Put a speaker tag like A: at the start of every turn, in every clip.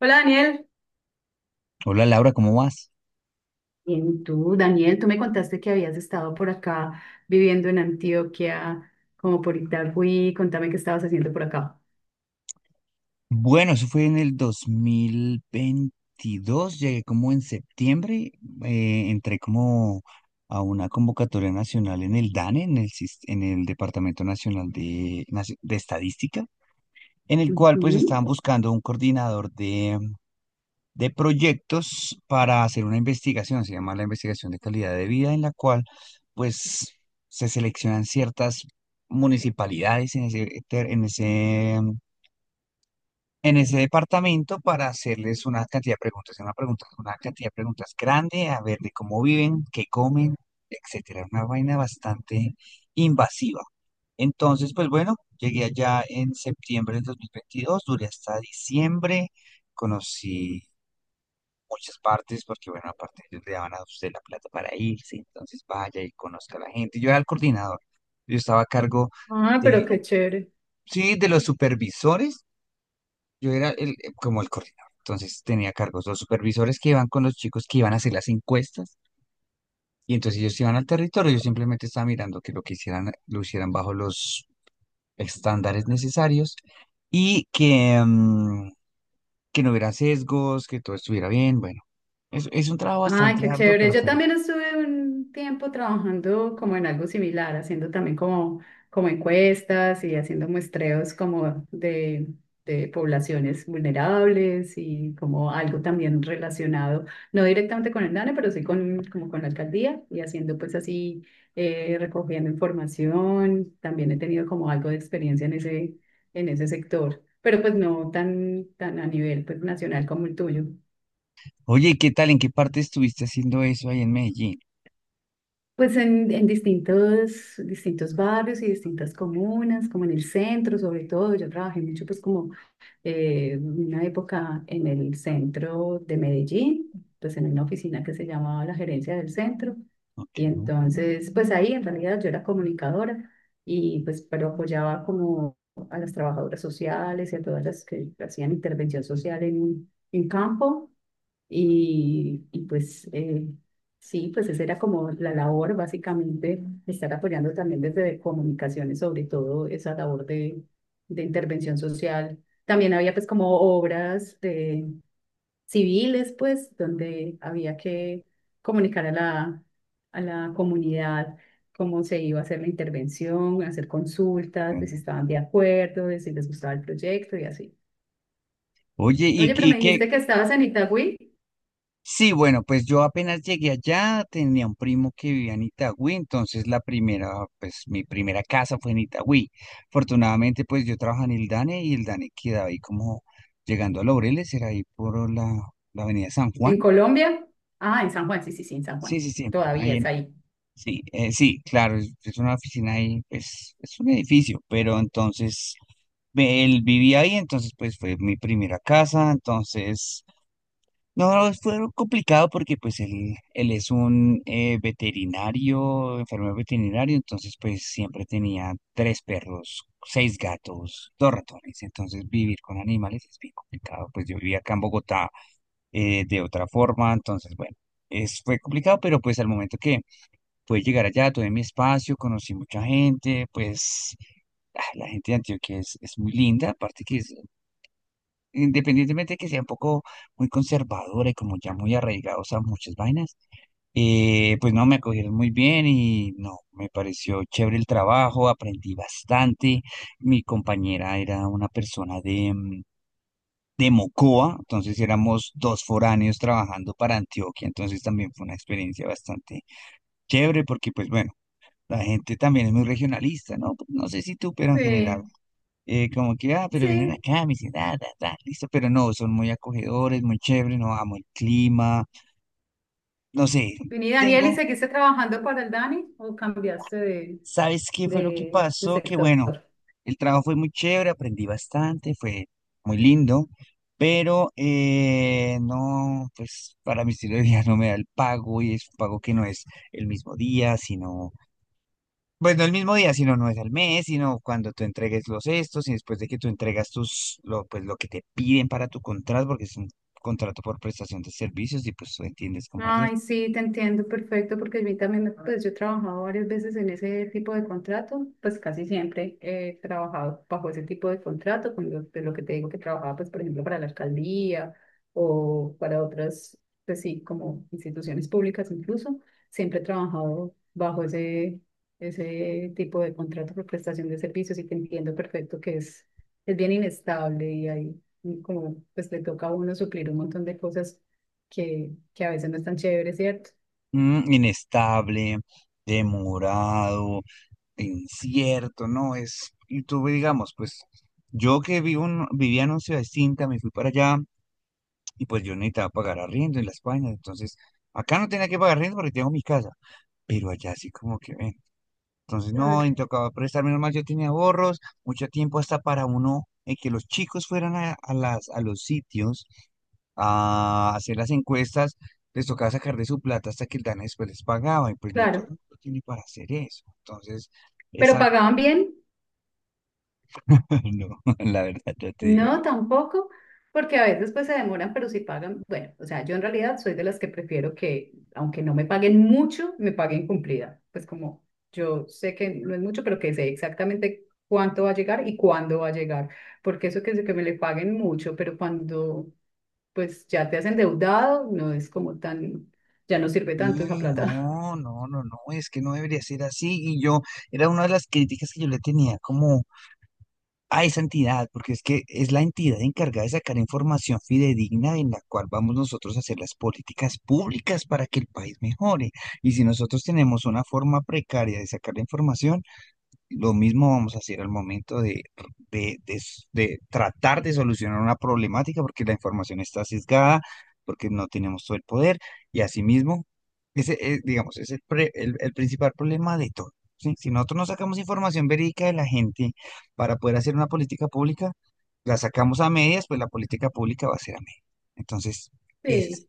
A: Hola Daniel.
B: Hola Laura, ¿cómo vas?
A: Bien, tú, Daniel, tú me contaste que habías estado por acá viviendo en Antioquia, como por Itagüí. Contame qué estabas haciendo por acá.
B: Bueno, eso fue en el 2022. Llegué como en septiembre, entré como a una convocatoria nacional en el DANE, en el Departamento Nacional de Estadística, en el cual pues
A: Ujú.
B: estaban buscando un coordinador de proyectos para hacer una investigación. Se llama la investigación de calidad de vida, en la cual pues se seleccionan ciertas municipalidades en ese departamento para hacerles una cantidad de preguntas, grande, a ver de cómo viven, qué comen, etcétera. Una vaina bastante invasiva. Entonces, pues bueno, llegué allá en septiembre del 2022, duré hasta diciembre, conocí muchas partes, porque bueno, aparte ellos le daban a usted la plata para irse, entonces vaya y conozca a la gente. Yo era el coordinador, yo estaba a cargo
A: Ah, pero
B: de,
A: qué chévere.
B: sí, de los supervisores. Yo era el, como el coordinador, entonces tenía cargos los supervisores que iban con los chicos que iban a hacer las encuestas, y entonces ellos iban al territorio. Yo simplemente estaba mirando que lo que hicieran lo hicieran bajo los estándares necesarios, y que no hubiera sesgos, que todo estuviera bien. Bueno, es un trabajo
A: Ay,
B: bastante
A: qué
B: arduo,
A: chévere.
B: pero
A: Yo
B: fue bueno.
A: también estuve un tiempo trabajando como en algo similar, haciendo también como, como encuestas y haciendo muestreos como de poblaciones vulnerables y como algo también relacionado, no directamente con el DANE, pero sí con, como con la alcaldía y haciendo pues así, recogiendo información. También he tenido como algo de experiencia en ese sector, pero pues no tan, tan a nivel pues nacional como el tuyo.
B: Oye, ¿y qué tal? ¿En qué parte estuviste haciendo eso ahí en Medellín?
A: Pues en distintos, distintos barrios y distintas comunas, como en el centro sobre todo, yo trabajé mucho pues como una época en el centro de Medellín, pues en una oficina que se llamaba la gerencia del centro.
B: Ok.
A: Y
B: Ok.
A: entonces, pues ahí en realidad yo era comunicadora y pues, pero apoyaba como a las trabajadoras sociales y a todas las que hacían intervención social en campo. Y pues sí, pues esa era como la labor básicamente, estar apoyando también desde comunicaciones, sobre todo esa labor de intervención social. También había pues como obras de civiles, pues, donde había que comunicar a la comunidad cómo se iba a hacer la intervención, hacer consultas, de si estaban de acuerdo, de si les gustaba el proyecto y así.
B: Oye, ¿y,
A: Oye, pero
B: y
A: me
B: qué...
A: dijiste que estabas en Itagüí.
B: Sí, bueno, pues yo apenas llegué allá, tenía un primo que vivía en Itagüí, entonces pues mi primera casa fue en Itagüí. Afortunadamente, pues yo trabajaba en el DANE, y el DANE quedaba ahí como llegando a Laureles, era ahí por la avenida San Juan.
A: ¿En Colombia? Ah, en San Juan, sí, sí, sí, en San Juan.
B: Sí, sí, sí,
A: Todavía
B: ahí
A: es
B: en,
A: ahí.
B: sí, sí, claro, es una oficina ahí, pues es un edificio, pero entonces él vivía ahí, entonces pues fue mi primera casa, entonces... No, fue algo complicado porque pues él es un, veterinario, enfermero veterinario, entonces pues siempre tenía tres perros, seis gatos, dos ratones. Entonces vivir con animales es bien complicado. Pues yo vivía acá en Bogotá de otra forma, entonces bueno, fue complicado, pero pues al momento que pude llegar allá, tuve mi espacio, conocí mucha gente. Pues, la gente de Antioquia es muy linda, aparte que es, independientemente de que sea un poco muy conservadora y como ya muy arraigados a muchas vainas, pues no, me acogieron muy bien, y no, me pareció chévere el trabajo, aprendí bastante. Mi compañera era una persona de Mocoa, entonces éramos dos foráneos trabajando para Antioquia, entonces también fue una experiencia bastante chévere, porque pues bueno, la gente también es muy regionalista, ¿no? No sé si tú, pero en general,
A: Sí,
B: como que, ah, pero vienen
A: sí.
B: acá a mi ciudad, ta, ta, listo, pero no, son muy acogedores, muy chéveres. No amo el clima, no sé.
A: Vení, Daniel, ¿y
B: Tengo...
A: seguiste trabajando para el Dani o cambiaste
B: ¿sabes qué fue lo que
A: de
B: pasó? Que
A: sector?
B: bueno, el trabajo fue muy chévere, aprendí bastante, fue muy lindo, pero no, pues para mi estilo de vida no me da el pago, y es un pago que no es el mismo día, sino... pues no el mismo día, sino no es al mes, sino cuando tú entregues los estos y después de que tú entregas pues lo que te piden para tu contrato, porque es un contrato por prestación de servicios, y pues tú entiendes cómo es eso.
A: Ay, sí, te entiendo perfecto, porque a mí también, pues yo he trabajado varias veces en ese tipo de contrato, pues casi siempre he trabajado bajo ese tipo de contrato, con lo, de lo que te digo que trabajaba, pues por ejemplo, para la alcaldía o para otras, pues sí, como instituciones públicas incluso, siempre he trabajado bajo ese, ese tipo de contrato por prestación de servicios y te entiendo perfecto que es bien inestable y ahí como pues le toca a uno suplir un montón de cosas que a veces no es tan chévere, ¿cierto?
B: Mm, inestable, demorado, incierto, ¿no? Es, y tú, digamos, pues yo que vivía en una ciudad distinta, me fui para allá, y pues yo necesitaba pagar arriendo en la España, entonces acá no tenía que pagar arriendo porque tengo mi casa, pero allá sí, como que... ven, entonces, no,
A: Claro,
B: y tocaba prestar. Menos mal yo tenía ahorros, mucho tiempo hasta para uno, que los chicos fueran a los sitios a hacer las encuestas, les tocaba sacar de su plata hasta que el DANE después les pagaba, y pues no todo
A: claro.
B: el mundo tiene para hacer eso. Entonces, es
A: Pero
B: algo...
A: pagaban bien,
B: No, la verdad, ya te digo, no.
A: no tampoco, porque a veces pues se demoran, pero si pagan. Bueno, o sea, yo en realidad soy de las que prefiero que, aunque no me paguen mucho, me paguen cumplida. Pues como yo sé que no es mucho, pero que sé exactamente cuánto va a llegar y cuándo va a llegar. Porque eso que me le paguen mucho, pero cuando pues ya te has endeudado, no es como tan, ya no sirve tanto esa
B: Y
A: plata.
B: no, no, no, no, es que no debería ser así. Y yo, era una de las críticas que yo le tenía como a esa entidad, porque es que es la entidad encargada de sacar información fidedigna en la cual vamos nosotros a hacer las políticas públicas para que el país mejore. Y si nosotros tenemos una forma precaria de sacar la información, lo mismo vamos a hacer al momento de tratar de solucionar una problemática, porque la información está sesgada, porque no tenemos todo el poder, y asimismo, ese es, digamos, es el principal problema de todo. ¿Sí? Si nosotros no sacamos información verídica de la gente para poder hacer una política pública, la sacamos a medias, pues la política pública va a ser a medias. Entonces, ese, es-
A: Sí.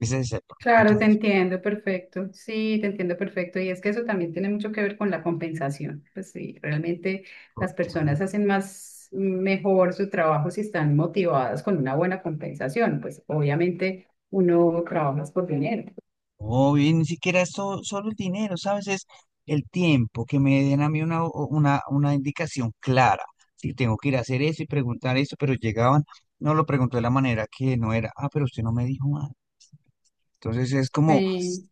B: ese es el problema.
A: Claro, te
B: Entonces...
A: entiendo, perfecto. Sí, te entiendo, perfecto. Y es que eso también tiene mucho que ver con la compensación. Pues sí, realmente las personas hacen más mejor su trabajo si están motivadas con una buena compensación. Pues obviamente uno trabaja por dinero.
B: Obvio, y ni siquiera es solo el dinero, ¿sabes? Es el tiempo, que me den a mí una indicación clara. Si tengo que ir a hacer eso y preguntar eso, pero llegaban, no lo preguntó de la manera que no era. Ah, pero usted no me dijo nada. Entonces es como,
A: Sí,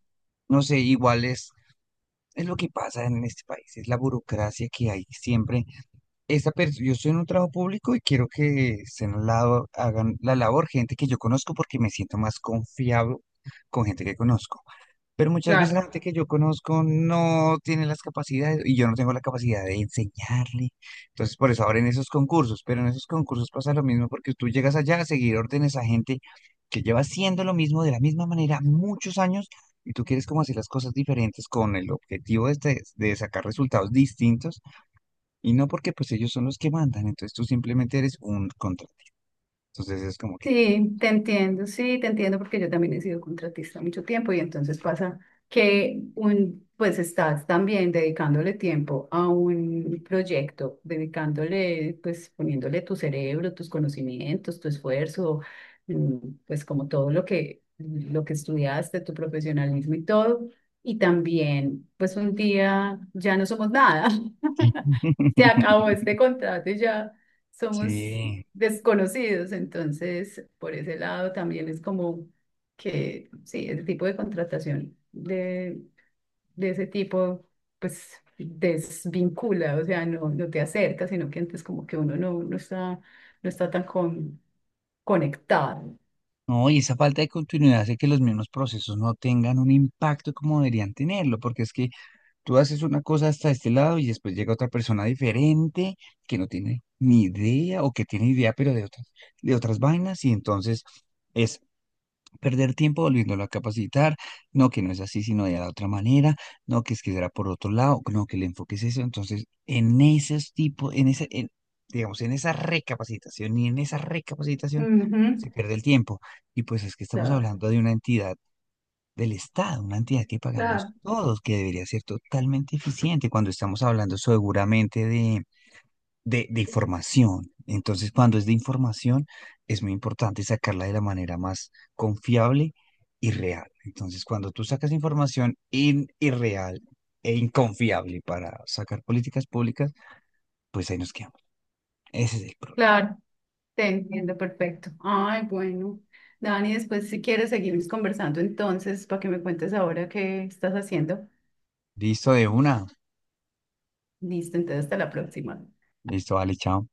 B: no sé, igual es lo que pasa en este país, es la burocracia que hay siempre. Yo estoy en un trabajo público y quiero que estén al lado, hagan la labor gente que yo conozco, porque me siento más confiado con gente que conozco. Pero muchas veces la
A: claro.
B: gente que yo conozco no tiene las capacidades, y yo no tengo la capacidad de enseñarle. Entonces, por eso abren esos concursos, pero en esos concursos pasa lo mismo, porque tú llegas allá a seguir órdenes a gente que lleva haciendo lo mismo de la misma manera muchos años, y tú quieres como hacer las cosas diferentes con el objetivo de sacar resultados distintos, y no, porque pues ellos son los que mandan, entonces tú simplemente eres un contra. Entonces es como que...
A: Sí, te entiendo porque yo también he sido contratista mucho tiempo y entonces pasa que un, pues estás también dedicándole tiempo a un proyecto, dedicándole, pues poniéndole tu cerebro, tus conocimientos, tu esfuerzo, mm, pues como todo lo que estudiaste, tu profesionalismo y todo. Y también, pues un día ya no somos nada. Se acabó este contrato y ya somos
B: Sí.
A: desconocidos. Entonces, por ese lado también es como que, sí, el tipo de contratación de ese tipo, pues desvincula, o sea, no, no te acerca, sino que antes como que uno no, no está, no está tan conectado.
B: No, y esa falta de continuidad hace que los mismos procesos no tengan un impacto como deberían tenerlo, porque es que tú haces una cosa hasta este lado y después llega otra persona diferente, que no tiene ni idea, o que tiene idea, pero de otras vainas, y entonces es perder tiempo volviéndolo a capacitar. No, que no es así, sino de la otra manera. No, que es que será por otro lado. No, que el enfoque es eso. Entonces, en esos tipos, en ese, en- digamos, en esa recapacitación y en esa recapacitación
A: Ujú.
B: se pierde el tiempo. Y pues es que estamos
A: Claro.
B: hablando de una entidad del Estado, una entidad que pagamos
A: Claro.
B: todos, que debería ser totalmente eficiente cuando estamos hablando seguramente de información. Entonces, cuando es de información, es muy importante sacarla de la manera más confiable y real. Entonces, cuando tú sacas información irreal e inconfiable para sacar políticas públicas, pues ahí nos quedamos. Ese es el problema.
A: Claro, te entiendo perfecto. Ay, bueno. Dani, después si quieres seguimos conversando entonces para que me cuentes ahora qué estás haciendo.
B: Listo, de una.
A: Listo, entonces hasta la próxima.
B: Listo, vale, chao.